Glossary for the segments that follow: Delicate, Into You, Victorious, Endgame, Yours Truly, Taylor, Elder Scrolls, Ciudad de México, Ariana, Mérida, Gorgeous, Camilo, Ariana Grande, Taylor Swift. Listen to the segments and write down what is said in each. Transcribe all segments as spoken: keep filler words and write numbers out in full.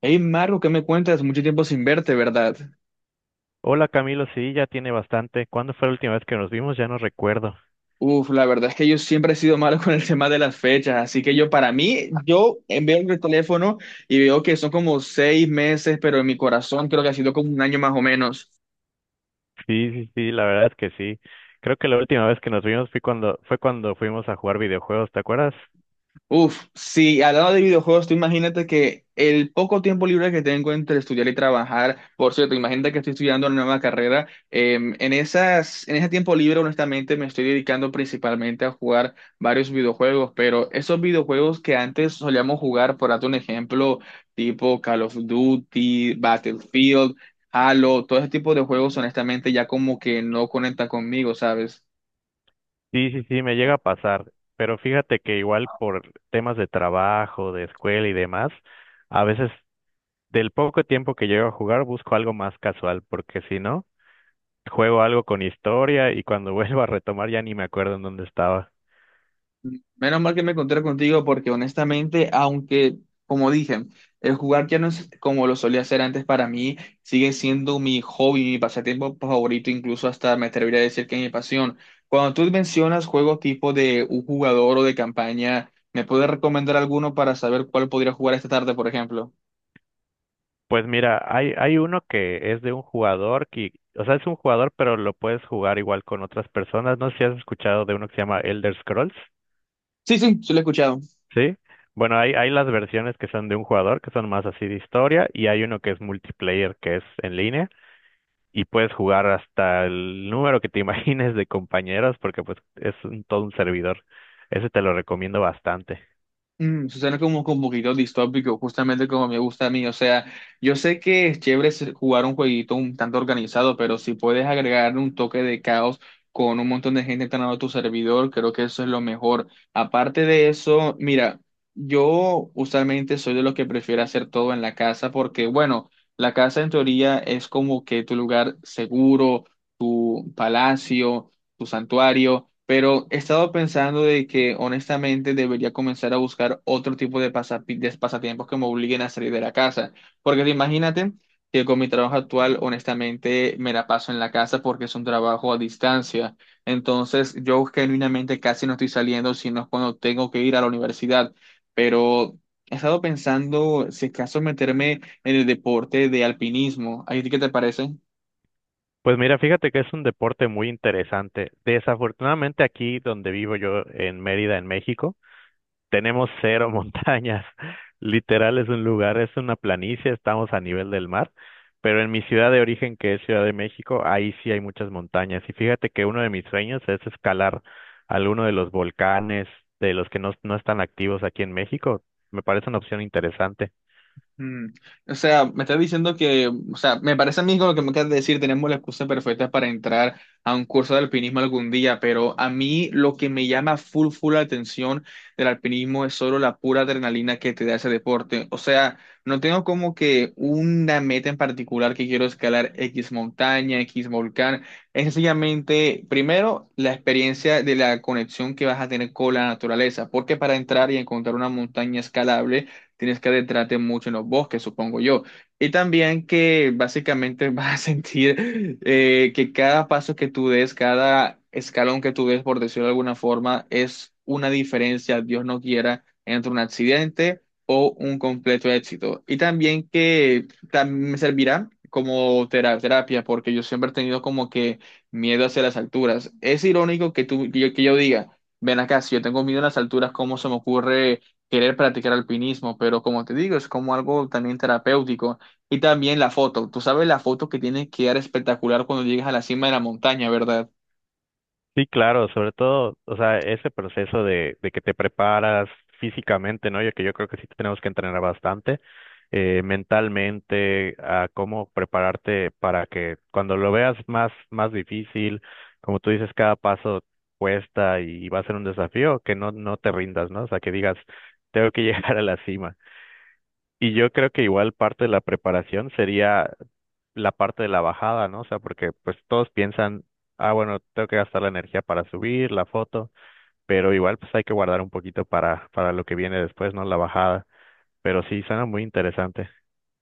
Hey Marco, ¿qué me cuentas? Mucho tiempo sin verte, ¿verdad? Hola Camilo, sí, ya tiene bastante. ¿Cuándo fue la última vez que nos vimos? Ya no recuerdo. Uf, la verdad es que yo siempre he sido malo con el tema de las fechas, así que yo para mí, yo eh, veo el teléfono y veo que son como seis meses, pero en mi corazón creo que ha sido como un año más o menos. Sí, sí, sí, la verdad es que sí. Creo que la última vez que nos vimos fue cuando, fue cuando fuimos a jugar videojuegos, ¿te acuerdas? Uf, sí, hablando de videojuegos, tú imagínate que el poco tiempo libre que tengo entre estudiar y trabajar, por cierto, imagínate que estoy estudiando una nueva carrera, eh, en esas, en ese tiempo libre, honestamente, me estoy dedicando principalmente a jugar varios videojuegos, pero esos videojuegos que antes solíamos jugar, por darte un ejemplo, tipo Call of Duty, Battlefield, Halo, todo ese tipo de juegos, honestamente, ya como que no conecta conmigo, ¿sabes? Sí, sí, sí, me llega a pasar, pero fíjate que igual por temas de trabajo, de escuela y demás, a veces del poco tiempo que llego a jugar busco algo más casual, porque si no, juego algo con historia y cuando vuelvo a retomar ya ni me acuerdo en dónde estaba. Menos mal que me encontré contigo porque, honestamente, aunque, como dije, el jugar ya no es como lo solía hacer antes para mí, sigue siendo mi hobby, mi pasatiempo favorito, incluso hasta me atrevería a decir que es mi pasión. Cuando tú mencionas juegos tipo de un jugador o de campaña, ¿me puedes recomendar alguno para saber cuál podría jugar esta tarde, por ejemplo? Pues mira, hay, hay uno que es de un jugador que, o sea, es un jugador, pero lo puedes jugar igual con otras personas. No sé si has escuchado de uno que se llama Elder Scrolls, Sí, sí, sí lo he escuchado. ¿sí? Bueno, hay, hay las versiones que son de un jugador, que son más así de historia, y hay uno que es multiplayer, que es en línea, y puedes jugar hasta el número que te imagines de compañeros, porque pues es un- todo un servidor. Ese te lo recomiendo bastante. Mm, suena como que un poquito distópico, justamente como me gusta a mí. O sea, yo sé que es chévere ser- jugar un jueguito un tanto organizado, pero si puedes agregar un toque de caos con un montón de gente entrando a tu servidor, creo que eso es lo mejor. Aparte de eso, mira, yo usualmente soy de los que prefiero hacer todo en la casa porque, bueno, la casa en teoría es como que tu lugar seguro, tu palacio, tu santuario, pero he estado pensando de que honestamente debería comenzar a buscar otro tipo de, pasapi- de pasatiempos que me obliguen a salir de la casa, porque imagínate que con mi trabajo actual honestamente me la paso en la casa porque es un trabajo a distancia, entonces yo genuinamente casi no estoy saliendo, sino es cuando tengo que ir a la universidad, pero. He estado pensando si acaso meterme en el deporte de alpinismo. ¿A ti qué te parece? Pues mira, fíjate que es un deporte muy interesante. Desafortunadamente aquí donde vivo yo, en Mérida, en México, tenemos cero montañas. Literal es un lugar, es una planicie, estamos a nivel del mar. Pero en mi ciudad de origen, que es Ciudad de México, ahí sí hay muchas montañas. Y fíjate que uno de mis sueños es escalar alguno de los volcanes de los que no, no están activos aquí en México. Me parece una opción interesante. Mm, O sea, me estás diciendo que, o sea, me parece a mí con lo que me acabas de decir, tenemos la excusa perfecta para entrar a un curso de alpinismo algún día, pero a mí lo que me llama full, full la atención del alpinismo es solo la pura adrenalina que te da ese deporte. O sea, no tengo como que una meta en particular que quiero escalar X montaña, X volcán. Es sencillamente, primero, la experiencia de la conexión que vas a tener con la naturaleza, porque para entrar y encontrar una montaña escalable, tienes que adentrarte mucho en los bosques, supongo yo. Y también que básicamente vas a sentir eh, que cada paso que tú des, cada escalón que tú des, por decirlo de alguna forma, es una diferencia, Dios no quiera, entre un accidente o un completo éxito. Y también que también me servirá como tera- terapia, porque yo siempre he tenido como que miedo hacia las alturas. Es irónico que tú, que yo, que yo diga, ven acá, si yo tengo miedo a las alturas, ¿cómo se me ocurre querer practicar alpinismo? Pero, como te digo, es como algo también terapéutico. Y también la foto, tú sabes, la foto que tienes que dar espectacular cuando llegas a la cima de la montaña, ¿verdad? Sí, claro, sobre todo, o sea, ese proceso de, de que te preparas físicamente, ¿no? Yo que yo creo que sí tenemos que entrenar bastante, eh, mentalmente, a cómo prepararte para que cuando lo veas más, más difícil, como tú dices, cada paso cuesta y va a ser un desafío, que no, no te rindas, ¿no? O sea, que digas, tengo que llegar a la cima. Y yo creo que igual parte de la preparación sería la parte de la bajada, ¿no? O sea, porque pues todos piensan, ah, bueno, tengo que gastar la energía para subir la foto, pero igual pues hay que guardar un poquito para, para lo que viene después, ¿no? La bajada. Pero sí, suena muy interesante.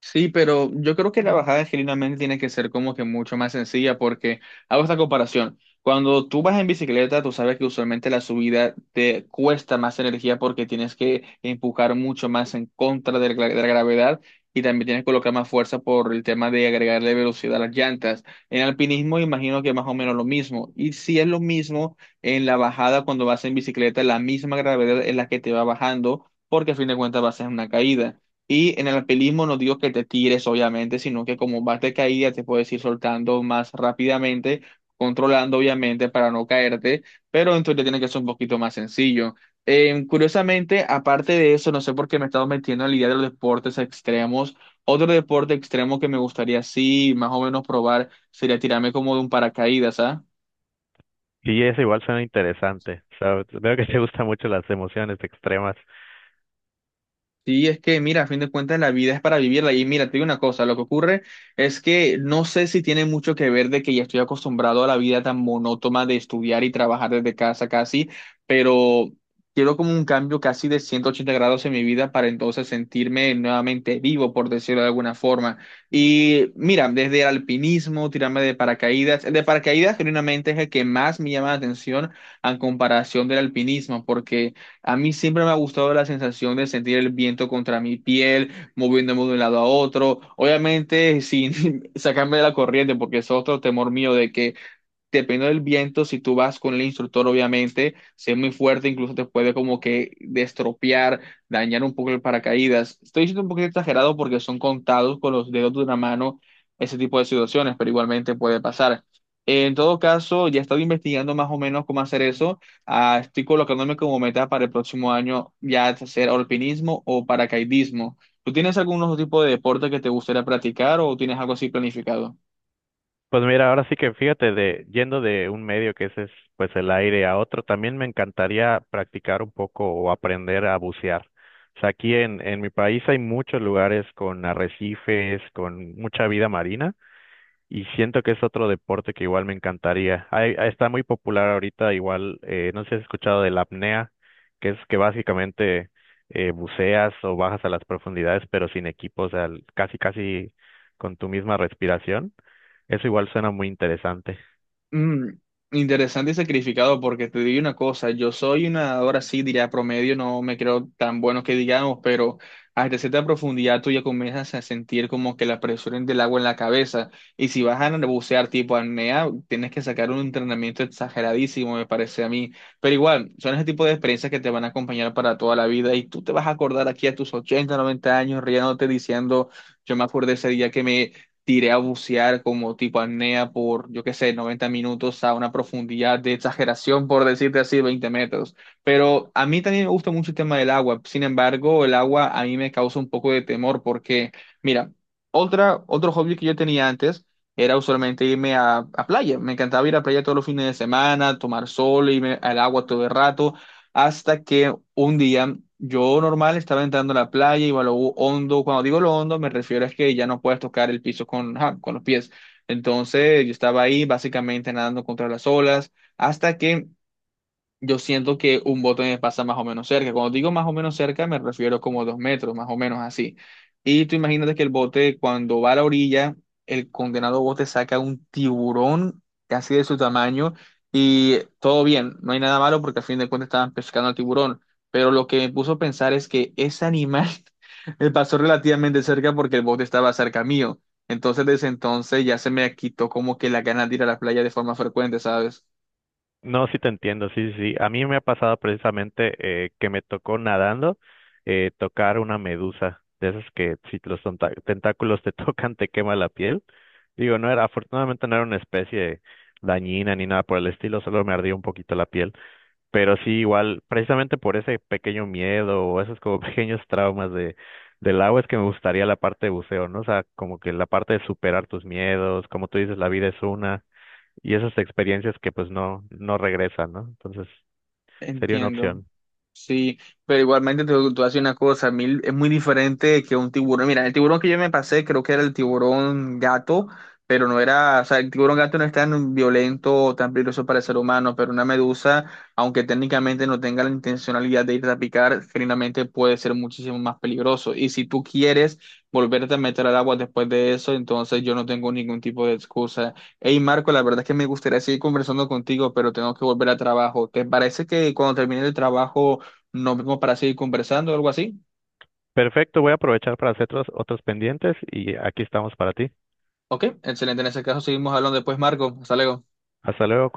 Sí, pero yo creo que la bajada generalmente tiene que ser como que mucho más sencilla porque hago esta comparación. Cuando tú vas en bicicleta, tú sabes que usualmente la subida te cuesta más energía porque tienes que empujar mucho más en contra de la, de la gravedad y también tienes que colocar más fuerza por el tema de agregarle velocidad a las llantas. En alpinismo imagino que más o menos lo mismo. Y si es lo mismo en la bajada cuando vas en bicicleta, la misma gravedad es la que te va bajando porque a fin de cuentas vas en una caída. Y en el alpinismo no digo que te tires, obviamente, sino que como vas de caída te puedes ir soltando más rápidamente, controlando, obviamente, para no caerte, pero entonces tiene que ser un poquito más sencillo. Eh, curiosamente, aparte de eso, no sé por qué me he estado metiendo en la idea de los deportes extremos. Otro deporte extremo que me gustaría, sí, más o menos probar sería tirarme como de un paracaídas, ¿ah? Sí, eso igual suena interesante. O sea, veo que te gustan mucho las emociones extremas. Sí, es que, mira, a fin de cuentas la vida es para vivirla. Y mira, te digo una cosa, lo que ocurre es que no sé si tiene mucho que ver de que ya estoy acostumbrado a la vida tan monótona de estudiar y trabajar desde casa casi, pero quiero como un cambio casi de ciento ochenta grados en mi vida para entonces sentirme nuevamente vivo, por decirlo de alguna forma. Y mira, desde el alpinismo, tirarme de paracaídas, el de paracaídas genuinamente es el que más me llama la atención en comparación del alpinismo, porque. A mí siempre me ha gustado la sensación de sentir el viento contra mi piel, moviéndome de un lado a otro. Obviamente, sin sacarme de la corriente, porque es otro temor mío de que dependiendo del viento, si tú vas con el instructor, obviamente, si es muy fuerte, incluso te puede como que destropear, dañar un poco el paracaídas. Estoy diciendo un poquito exagerado porque son contados con los dedos de una mano ese tipo de situaciones, pero igualmente puede pasar. En todo caso, ya he estado investigando más o menos cómo hacer eso. Ah, estoy colocándome como meta para el próximo año ya hacer alpinismo o paracaidismo. ¿Tú tienes algún otro tipo de deporte que te gustaría practicar o tienes algo así planificado? Pues mira, ahora sí que fíjate, de, yendo de un medio que ese es pues el aire a otro, también me encantaría practicar un poco o aprender a bucear. O sea, aquí en, en mi país hay muchos lugares con arrecifes, con mucha vida marina. Y siento que es otro deporte que igual me encantaría. Hay- ah, está muy popular ahorita, igual, eh, no sé si has escuchado de la apnea, que es que básicamente eh, buceas o bajas a las profundidades, pero sin equipo, o sea, l- casi, casi con tu misma respiración. Eso igual suena muy interesante. Mm, Interesante y sacrificado, porque te digo una cosa, yo soy una nadador así, diría promedio, no me creo tan bueno que digamos, pero hasta cierta profundidad tú ya comienzas a sentir como que la presión del agua en la cabeza, y si vas a bucear tipo apnea, tienes que sacar un entrenamiento exageradísimo, me parece a mí, pero igual, son ese tipo de experiencias que te van a acompañar para toda la vida, y tú te vas a acordar aquí a tus ochenta noventa años riéndote diciendo, yo me acuerdo ese día que me tiré a bucear como tipo apnea por, yo qué sé, noventa minutos a una profundidad de exageración, por decirte así, veinte metros. Pero a mí también me gusta mucho el tema del agua. Sin embargo, el agua a mí me causa un poco de temor porque, mira, otra, otro hobby que yo tenía antes era usualmente irme a, a playa. Me encantaba ir a playa todos los fines de semana, tomar sol, irme al agua todo el rato. Hasta que un día, yo normal estaba entrando a la playa, iba a lo hondo. Cuando digo lo hondo, me refiero es que ya no puedes tocar el piso con, ajá, con los pies. Entonces, yo estaba ahí básicamente nadando contra las olas, hasta que yo siento que un bote me pasa más o menos cerca. Cuando digo más o menos cerca, me refiero como dos metros, más o menos así. Y tú imagínate que el bote, cuando va a la orilla, el condenado bote saca un tiburón casi de su tamaño, y todo bien, no hay nada malo porque al fin de cuentas estaban pescando al tiburón. Pero lo que me puso a pensar es que ese animal me pasó relativamente cerca porque el bote estaba cerca mío. Entonces, desde entonces ya se me quitó como que la ganas de ir a la playa de forma frecuente, ¿sabes? No, sí te entiendo, sí, sí. Sí. A mí me ha pasado precisamente eh, que me tocó nadando eh, tocar una medusa, de esas que si los tonta- tentáculos te tocan te quema la piel. Digo, no era, afortunadamente no era una especie dañina ni nada por el estilo, solo me ardía un poquito la piel. Pero sí, igual, precisamente por ese pequeño miedo o esos como pequeños traumas de del agua es que me gustaría la parte de buceo, ¿no? O sea, como que la parte de superar tus miedos, como tú dices, la vida es una y esas experiencias que pues no, no regresan, ¿no? Entonces sería una Entiendo. opción. Sí, pero igualmente te voy a decir una cosa, a mí es muy diferente que un tiburón. Mira, el tiburón que yo me pasé creo que era el tiburón gato, pero no era, o sea, el tiburón gato no es tan violento o tan peligroso para el ser humano, pero una medusa, aunque técnicamente no tenga la intencionalidad de ir a picar, finalmente puede ser muchísimo más peligroso. Y si tú quieres volverte a meter al agua después de eso, entonces yo no tengo ningún tipo de excusa. Hey Marco, la verdad es que me gustaría seguir conversando contigo, pero tengo que volver al trabajo. ¿Te parece que cuando termine el trabajo nos vemos para seguir conversando o algo así? Perfecto, voy a aprovechar para hacer otros, otros pendientes y aquí estamos para ti. Ok, excelente. En ese caso seguimos hablando después, Marco. Hasta luego. Hasta luego, cuídate.